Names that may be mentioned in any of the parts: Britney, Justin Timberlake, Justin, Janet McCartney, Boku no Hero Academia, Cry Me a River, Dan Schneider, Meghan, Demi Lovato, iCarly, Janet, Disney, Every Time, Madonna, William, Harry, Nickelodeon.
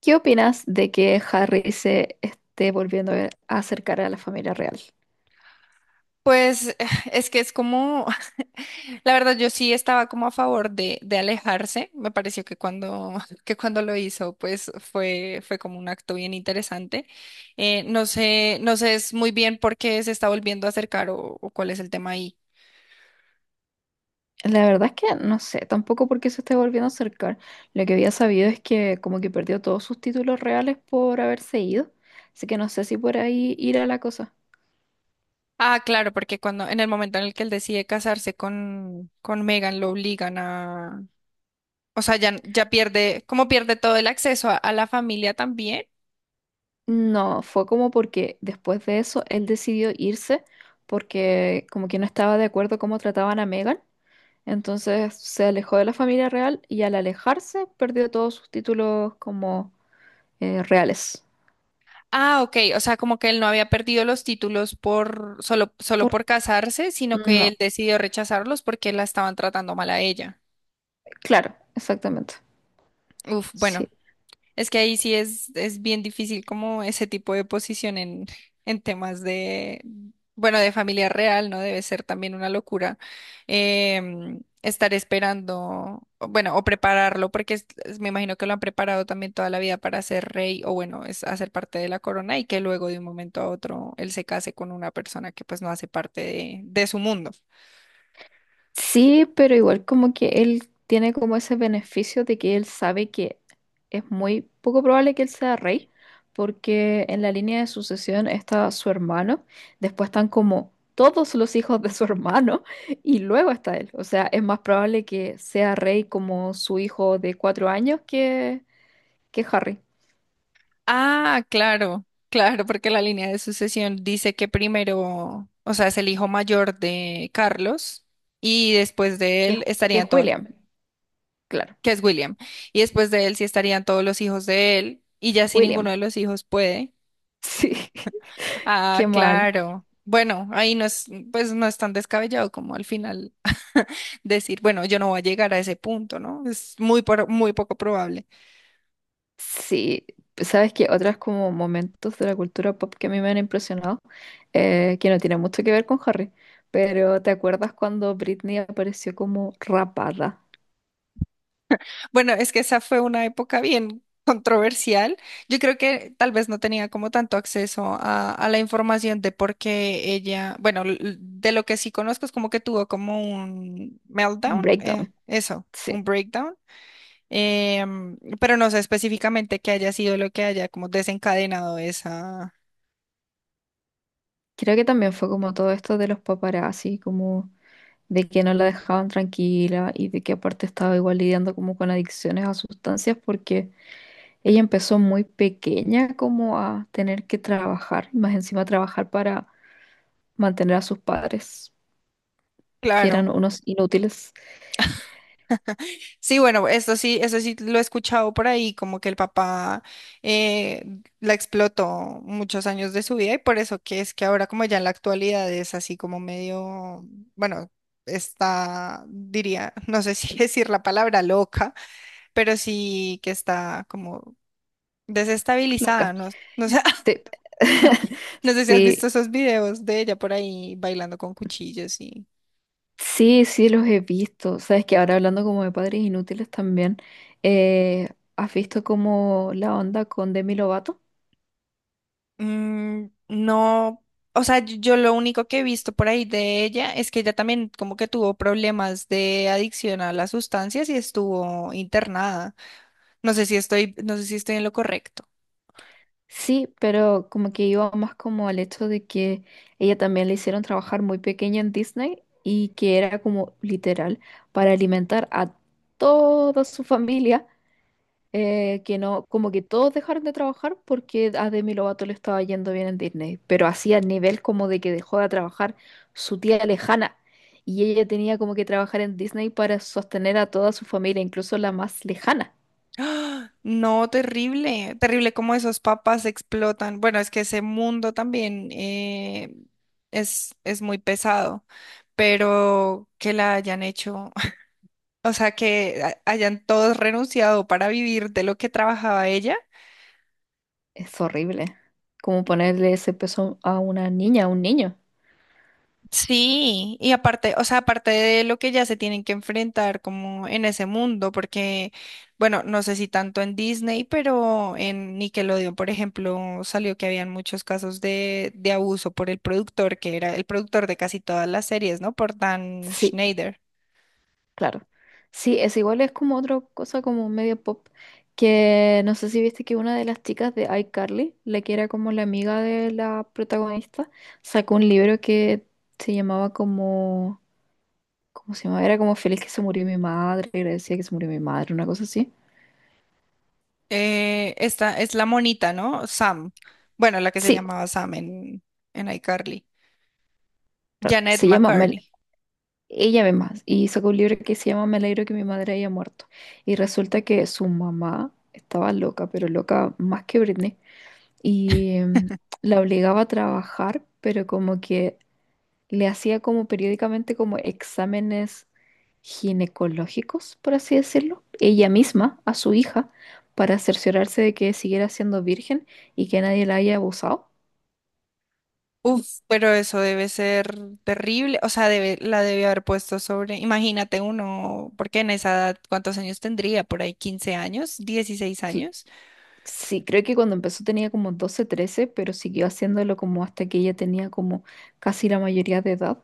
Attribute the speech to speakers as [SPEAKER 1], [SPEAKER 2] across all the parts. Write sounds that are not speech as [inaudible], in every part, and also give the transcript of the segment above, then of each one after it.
[SPEAKER 1] ¿Qué opinas de que Harry se esté volviendo a acercar a la familia real?
[SPEAKER 2] Pues [laughs] es que es como, [laughs] la verdad yo sí estaba como a favor de alejarse. Me pareció que [laughs] que cuando lo hizo pues fue como un acto bien interesante. No sé, no sé es muy bien por qué se está volviendo a acercar o cuál es el tema ahí.
[SPEAKER 1] La verdad es que no sé tampoco por qué se esté volviendo a acercar. Lo que había sabido es que como que perdió todos sus títulos reales por haberse ido. Así que no sé si por ahí irá la cosa.
[SPEAKER 2] Ah, claro, porque en el momento en el que él decide casarse con Megan lo obligan a, o sea, ya pierde, como pierde todo el acceso a la familia también.
[SPEAKER 1] No, fue como porque después de eso él decidió irse porque como que no estaba de acuerdo cómo trataban a Meghan. Entonces se alejó de la familia real y al alejarse perdió todos sus títulos como reales.
[SPEAKER 2] Ah, ok, o sea, como que él no había perdido los títulos por solo
[SPEAKER 1] ¿Por
[SPEAKER 2] por casarse, sino que
[SPEAKER 1] No,
[SPEAKER 2] él decidió rechazarlos porque la estaban tratando mal a ella.
[SPEAKER 1] claro, exactamente.
[SPEAKER 2] Uf,
[SPEAKER 1] Sí.
[SPEAKER 2] bueno, es que ahí sí es bien difícil como ese tipo de posición en temas de, bueno, de familia real, ¿no? Debe ser también una locura, estar esperando, o bueno, o prepararlo, porque me imagino que lo han preparado también toda la vida para ser rey o bueno, es hacer parte de la corona y que luego de un momento a otro él se case con una persona que pues no hace parte de su mundo.
[SPEAKER 1] Sí, pero igual como que él tiene como ese beneficio de que él sabe que es muy poco probable que él sea rey, porque en la línea de sucesión está su hermano, después están como todos los hijos de su [laughs] hermano y luego está él. O sea, es más probable que sea rey como su hijo de 4 años que Harry,
[SPEAKER 2] Ah, claro, claro, porque la línea de sucesión dice que primero, o sea, es el hijo mayor de Carlos y después de
[SPEAKER 1] que,
[SPEAKER 2] él
[SPEAKER 1] que
[SPEAKER 2] estarían todos,
[SPEAKER 1] William, claro,
[SPEAKER 2] que es William, y después de él sí estarían todos los hijos de él y ya si ninguno
[SPEAKER 1] William.
[SPEAKER 2] de los hijos puede.
[SPEAKER 1] Sí, [laughs] qué
[SPEAKER 2] Ah,
[SPEAKER 1] mal.
[SPEAKER 2] claro. Bueno, ahí no es, pues no es tan descabellado como al final [laughs] decir, bueno, yo no voy a llegar a ese punto, ¿no? Es muy, muy poco probable.
[SPEAKER 1] Sí, sabes que otras como momentos de la cultura pop que a mí me han impresionado, que no tienen mucho que ver con Harry, pero ¿te acuerdas cuando Britney apareció como rapada?
[SPEAKER 2] Bueno, es que esa fue una época bien [laughs] controversial. Yo creo que tal vez no tenía como tanto acceso a la información de por qué ella, bueno, de lo que sí conozco es como que tuvo como un
[SPEAKER 1] Un
[SPEAKER 2] meltdown,
[SPEAKER 1] Breakdown.
[SPEAKER 2] eso,
[SPEAKER 1] Sí.
[SPEAKER 2] un breakdown, pero no sé específicamente qué haya sido lo que haya como desencadenado esa,
[SPEAKER 1] Creo que también fue como todo esto de los paparazzi, como de que no la dejaban tranquila y de que aparte estaba igual lidiando como con adicciones a sustancias porque ella empezó muy pequeña como a tener que trabajar, y más encima trabajar para mantener a sus padres. Que eran
[SPEAKER 2] claro.
[SPEAKER 1] unos inútiles,
[SPEAKER 2] Sí, bueno, esto sí, eso sí lo he escuchado por ahí, como que el papá eh, la explotó muchos años de su vida y por eso que es que ahora como ya en la actualidad es así como medio, bueno, está, diría, [laughs] no sé si [laughs] decir la palabra loca, pero sí que está como desestabilizada,
[SPEAKER 1] loca.
[SPEAKER 2] no, no sé, [laughs]
[SPEAKER 1] Sí,
[SPEAKER 2] no sé
[SPEAKER 1] [laughs]
[SPEAKER 2] si has
[SPEAKER 1] sí,
[SPEAKER 2] visto esos videos de ella por ahí bailando con cuchillos y...
[SPEAKER 1] sí, sí los he visto. Sabes que ahora hablando como de padres inútiles también, eh, ¿has visto como la onda con Demi Lovato?
[SPEAKER 2] Mm, no, o sea, yo lo único que he visto por ahí de ella es que ella también como que tuvo problemas de adicción a las sustancias y estuvo internada. No sé si estoy, no sé si estoy en lo correcto.
[SPEAKER 1] Sí, pero como que iba más como al hecho de que ella también le hicieron trabajar muy pequeña en Disney y que era como literal para alimentar a toda su familia que no, como que todos dejaron de trabajar porque a Demi Lovato le estaba yendo bien en Disney, pero así a nivel como de que dejó de trabajar su tía lejana y ella tenía como que trabajar en Disney para sostener a toda su familia, incluso la más lejana.
[SPEAKER 2] ¡Ah! No, terrible, terrible como esos papás explotan. Bueno, es que ese mundo también es muy pesado, pero que la hayan hecho, [laughs] o sea, que hayan todos renunciado para vivir de lo que trabajaba ella.
[SPEAKER 1] Es horrible, como ponerle ese peso a una niña, a un niño.
[SPEAKER 2] Sí, y aparte, o sea, aparte de lo que ya se tienen que enfrentar como en ese mundo, porque, bueno, no sé si tanto en Disney, pero en Nickelodeon, por ejemplo, salió que habían muchos casos de abuso por el productor, que era el productor de casi todas las series, ¿no? Por Dan
[SPEAKER 1] Sí,
[SPEAKER 2] Schneider.
[SPEAKER 1] claro. Sí, es igual, es como otra cosa como medio pop, que no sé si viste que una de las chicas de iCarly, la que era como la amiga de la protagonista, sacó un libro que se llamaba como, ¿cómo se llamaba? Era como Feliz que se murió mi madre, agradecida que se murió mi madre, una cosa así.
[SPEAKER 2] Esta es la monita, ¿no? Sam. Bueno, la que se
[SPEAKER 1] Sí,
[SPEAKER 2] llamaba Sam en iCarly. Janet
[SPEAKER 1] se llama,
[SPEAKER 2] McCartney.
[SPEAKER 1] ella misma, y sacó un libro que se llama Me alegro que mi madre haya muerto. Y resulta que su mamá estaba loca, pero loca más que Britney y
[SPEAKER 2] [laughs]
[SPEAKER 1] la obligaba a trabajar, pero como que le hacía como periódicamente como exámenes ginecológicos, por así decirlo, ella misma, a su hija, para cerciorarse de que siguiera siendo virgen y que nadie la haya abusado.
[SPEAKER 2] Uf, pero eso debe ser terrible, o sea, debe, la debe haber puesto sobre, imagínate uno, porque en esa edad, ¿cuántos años tendría? Por ahí 15 años, 16
[SPEAKER 1] Cl-
[SPEAKER 2] años.
[SPEAKER 1] Sí, creo que cuando empezó tenía como 12 13 pero siguió haciéndolo como hasta que ella tenía como casi la mayoría de edad.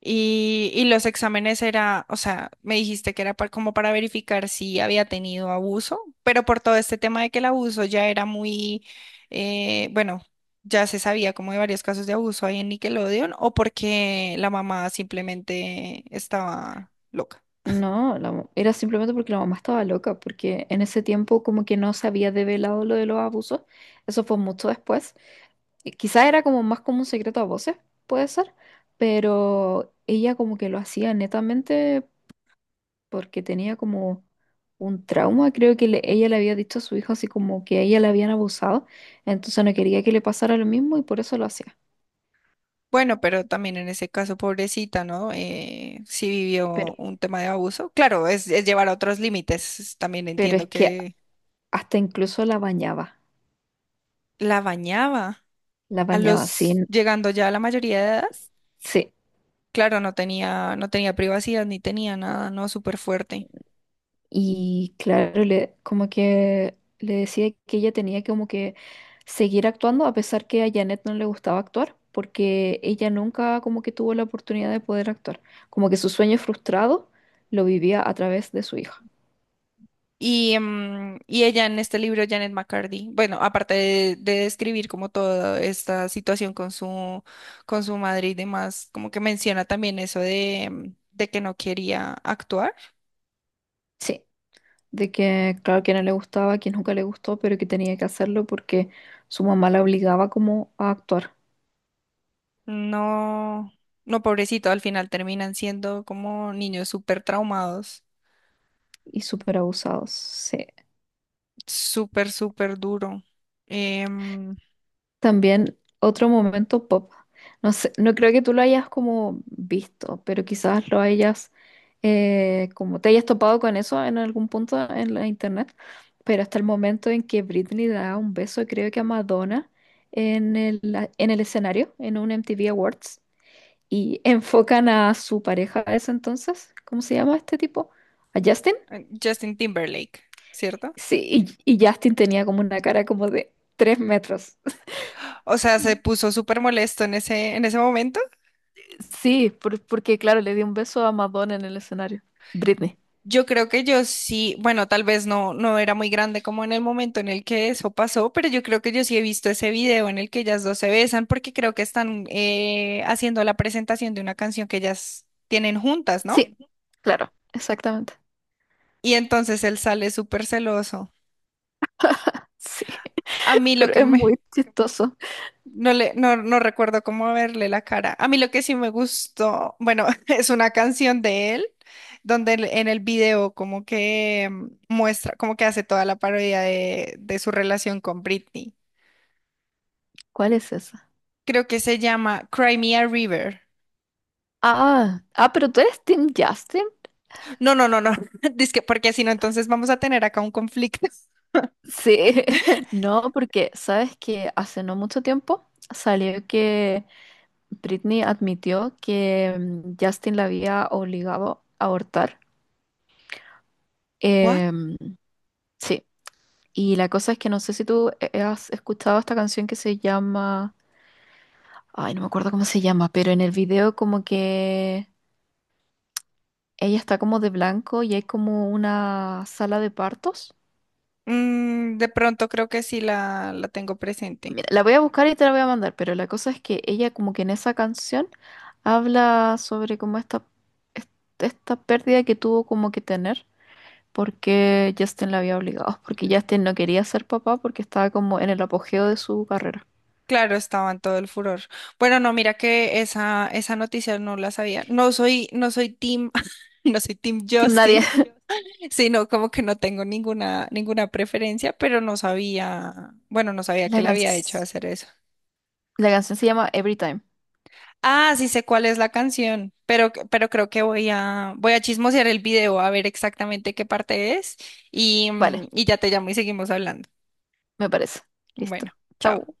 [SPEAKER 2] Y los exámenes era, o sea, me dijiste que era como para verificar si había tenido abuso, pero por todo este tema de que el abuso ya era muy, bueno, ya se sabía como de varios casos de abuso ahí en Nickelodeon, o porque la mamá simplemente estaba loca.
[SPEAKER 1] No, era simplemente porque la mamá estaba loca, porque en ese tiempo como que no se había develado lo de los abusos, eso fue mucho después. Y quizá era como más como un secreto a voces, puede ser, pero ella como que lo hacía netamente porque tenía como un trauma, creo que ella le había dicho a su hijo así como que a ella le habían abusado, entonces no quería que le pasara lo mismo y por eso lo hacía.
[SPEAKER 2] Bueno, pero también en ese caso, pobrecita, ¿no? Sí
[SPEAKER 1] Pero,
[SPEAKER 2] vivió un tema de abuso. Claro, es llevar a otros límites. También
[SPEAKER 1] pero es
[SPEAKER 2] entiendo
[SPEAKER 1] que
[SPEAKER 2] que
[SPEAKER 1] hasta incluso
[SPEAKER 2] la bañaba
[SPEAKER 1] la
[SPEAKER 2] a
[SPEAKER 1] bañaba
[SPEAKER 2] los,
[SPEAKER 1] sin...
[SPEAKER 2] llegando ya a la mayoría de edad.
[SPEAKER 1] Sí,
[SPEAKER 2] Claro, no tenía, no tenía privacidad ni tenía nada, ¿no? Súper fuerte.
[SPEAKER 1] y claro, como que le decía que ella tenía que como que seguir actuando a pesar que a Janet no le gustaba actuar, porque ella nunca como que tuvo la oportunidad de poder actuar. Como que su sueño frustrado lo vivía a través de su hija.
[SPEAKER 2] Y, y ella en este libro, Janet McCarthy, bueno, aparte de describir como toda esta situación con su madre y demás, como que menciona también eso de, de que no quería actuar.
[SPEAKER 1] Sí, de que claro que no le gustaba, que nunca le gustó, pero que tenía que hacerlo porque su mamá la obligaba como a actuar
[SPEAKER 2] No, no, pobrecito, al final terminan siendo como niños súper traumados,
[SPEAKER 1] y súper abusados. Sí.
[SPEAKER 2] súper, súper duro. Em,
[SPEAKER 1] También otro momento pop. No sé, no creo que tú lo hayas como visto, pero quizás lo hayas como te hayas topado con eso en algún punto en la internet. Pero hasta el momento en que Britney da un beso, creo que a Madonna en el, en el escenario, en un MTV Awards, y enfocan a su pareja de ese entonces. ¿Cómo se llama este tipo? ¿A Justin?
[SPEAKER 2] Justin Timberlake, ¿cierto?
[SPEAKER 1] Sí, y Justin tenía como una cara como de 3 metros.
[SPEAKER 2] O sea, se puso súper molesto en ese momento.
[SPEAKER 1] Sí, porque claro, le di un beso a Madonna en el escenario. Britney.
[SPEAKER 2] Yo creo que yo sí, bueno, tal vez no, no era muy grande como en el momento en el que eso pasó, pero yo creo que yo sí he visto ese video en el que ellas dos se besan porque creo que están haciendo la presentación de una canción que ellas tienen juntas, ¿no?
[SPEAKER 1] Sí, claro, exactamente.
[SPEAKER 2] Y entonces él sale súper celoso.
[SPEAKER 1] Sí,
[SPEAKER 2] A
[SPEAKER 1] [laughs]
[SPEAKER 2] mí lo
[SPEAKER 1] pero
[SPEAKER 2] que
[SPEAKER 1] es muy
[SPEAKER 2] me...
[SPEAKER 1] chistoso.
[SPEAKER 2] No, le, no, no recuerdo cómo verle la cara. A mí lo que sí me gustó, bueno, [laughs] es una canción de él, donde en el video como que mm, muestra, como que hace toda la parodia de su relación con Britney.
[SPEAKER 1] ¿Cuál es esa?
[SPEAKER 2] Creo que se llama Cry Me a River.
[SPEAKER 1] Ah, ah, pero tú eres Team Justin.
[SPEAKER 2] No, no, no, no. [laughs] Dizque, porque si no, entonces vamos a tener acá un conflicto. [laughs]
[SPEAKER 1] Sí, [laughs] no, porque sabes que hace no mucho tiempo salió que Britney admitió que Justin la había obligado a abortar.
[SPEAKER 2] What?
[SPEAKER 1] Em, sí, y la cosa es que no sé si tú has escuchado esta canción que se llama Ay, no me acuerdo cómo se llama, pero en el video como que ella está como de blanco y hay como una sala de partos.
[SPEAKER 2] Mm, de pronto creo que sí la tengo presente.
[SPEAKER 1] Mira, la voy a buscar y te la voy a mandar, pero la cosa es que ella como que en esa canción habla sobre como esta, est- esta pérdida que tuvo como que tener porque Justin la había obligado, porque Justin no quería ser papá porque estaba como en el apogeo de su carrera.
[SPEAKER 2] Claro, estaba en todo el furor. Bueno, no, mira que esa noticia no la sabía. No soy, no soy team, [laughs] no soy team
[SPEAKER 1] Team Nadie.
[SPEAKER 2] Justin,
[SPEAKER 1] [laughs]
[SPEAKER 2] sino como que no tengo ninguna, ninguna preferencia, pero no sabía, bueno, no sabía que
[SPEAKER 1] La
[SPEAKER 2] le había hecho
[SPEAKER 1] canc-
[SPEAKER 2] hacer eso.
[SPEAKER 1] la canción se llama Every Time.
[SPEAKER 2] Ah, sí sé cuál es la canción, pero creo que voy a chismosear el video a ver exactamente qué parte es y,
[SPEAKER 1] Vale,
[SPEAKER 2] mm, y ya te llamo y seguimos hablando.
[SPEAKER 1] me parece. Listo.
[SPEAKER 2] Bueno, chao.
[SPEAKER 1] Chau.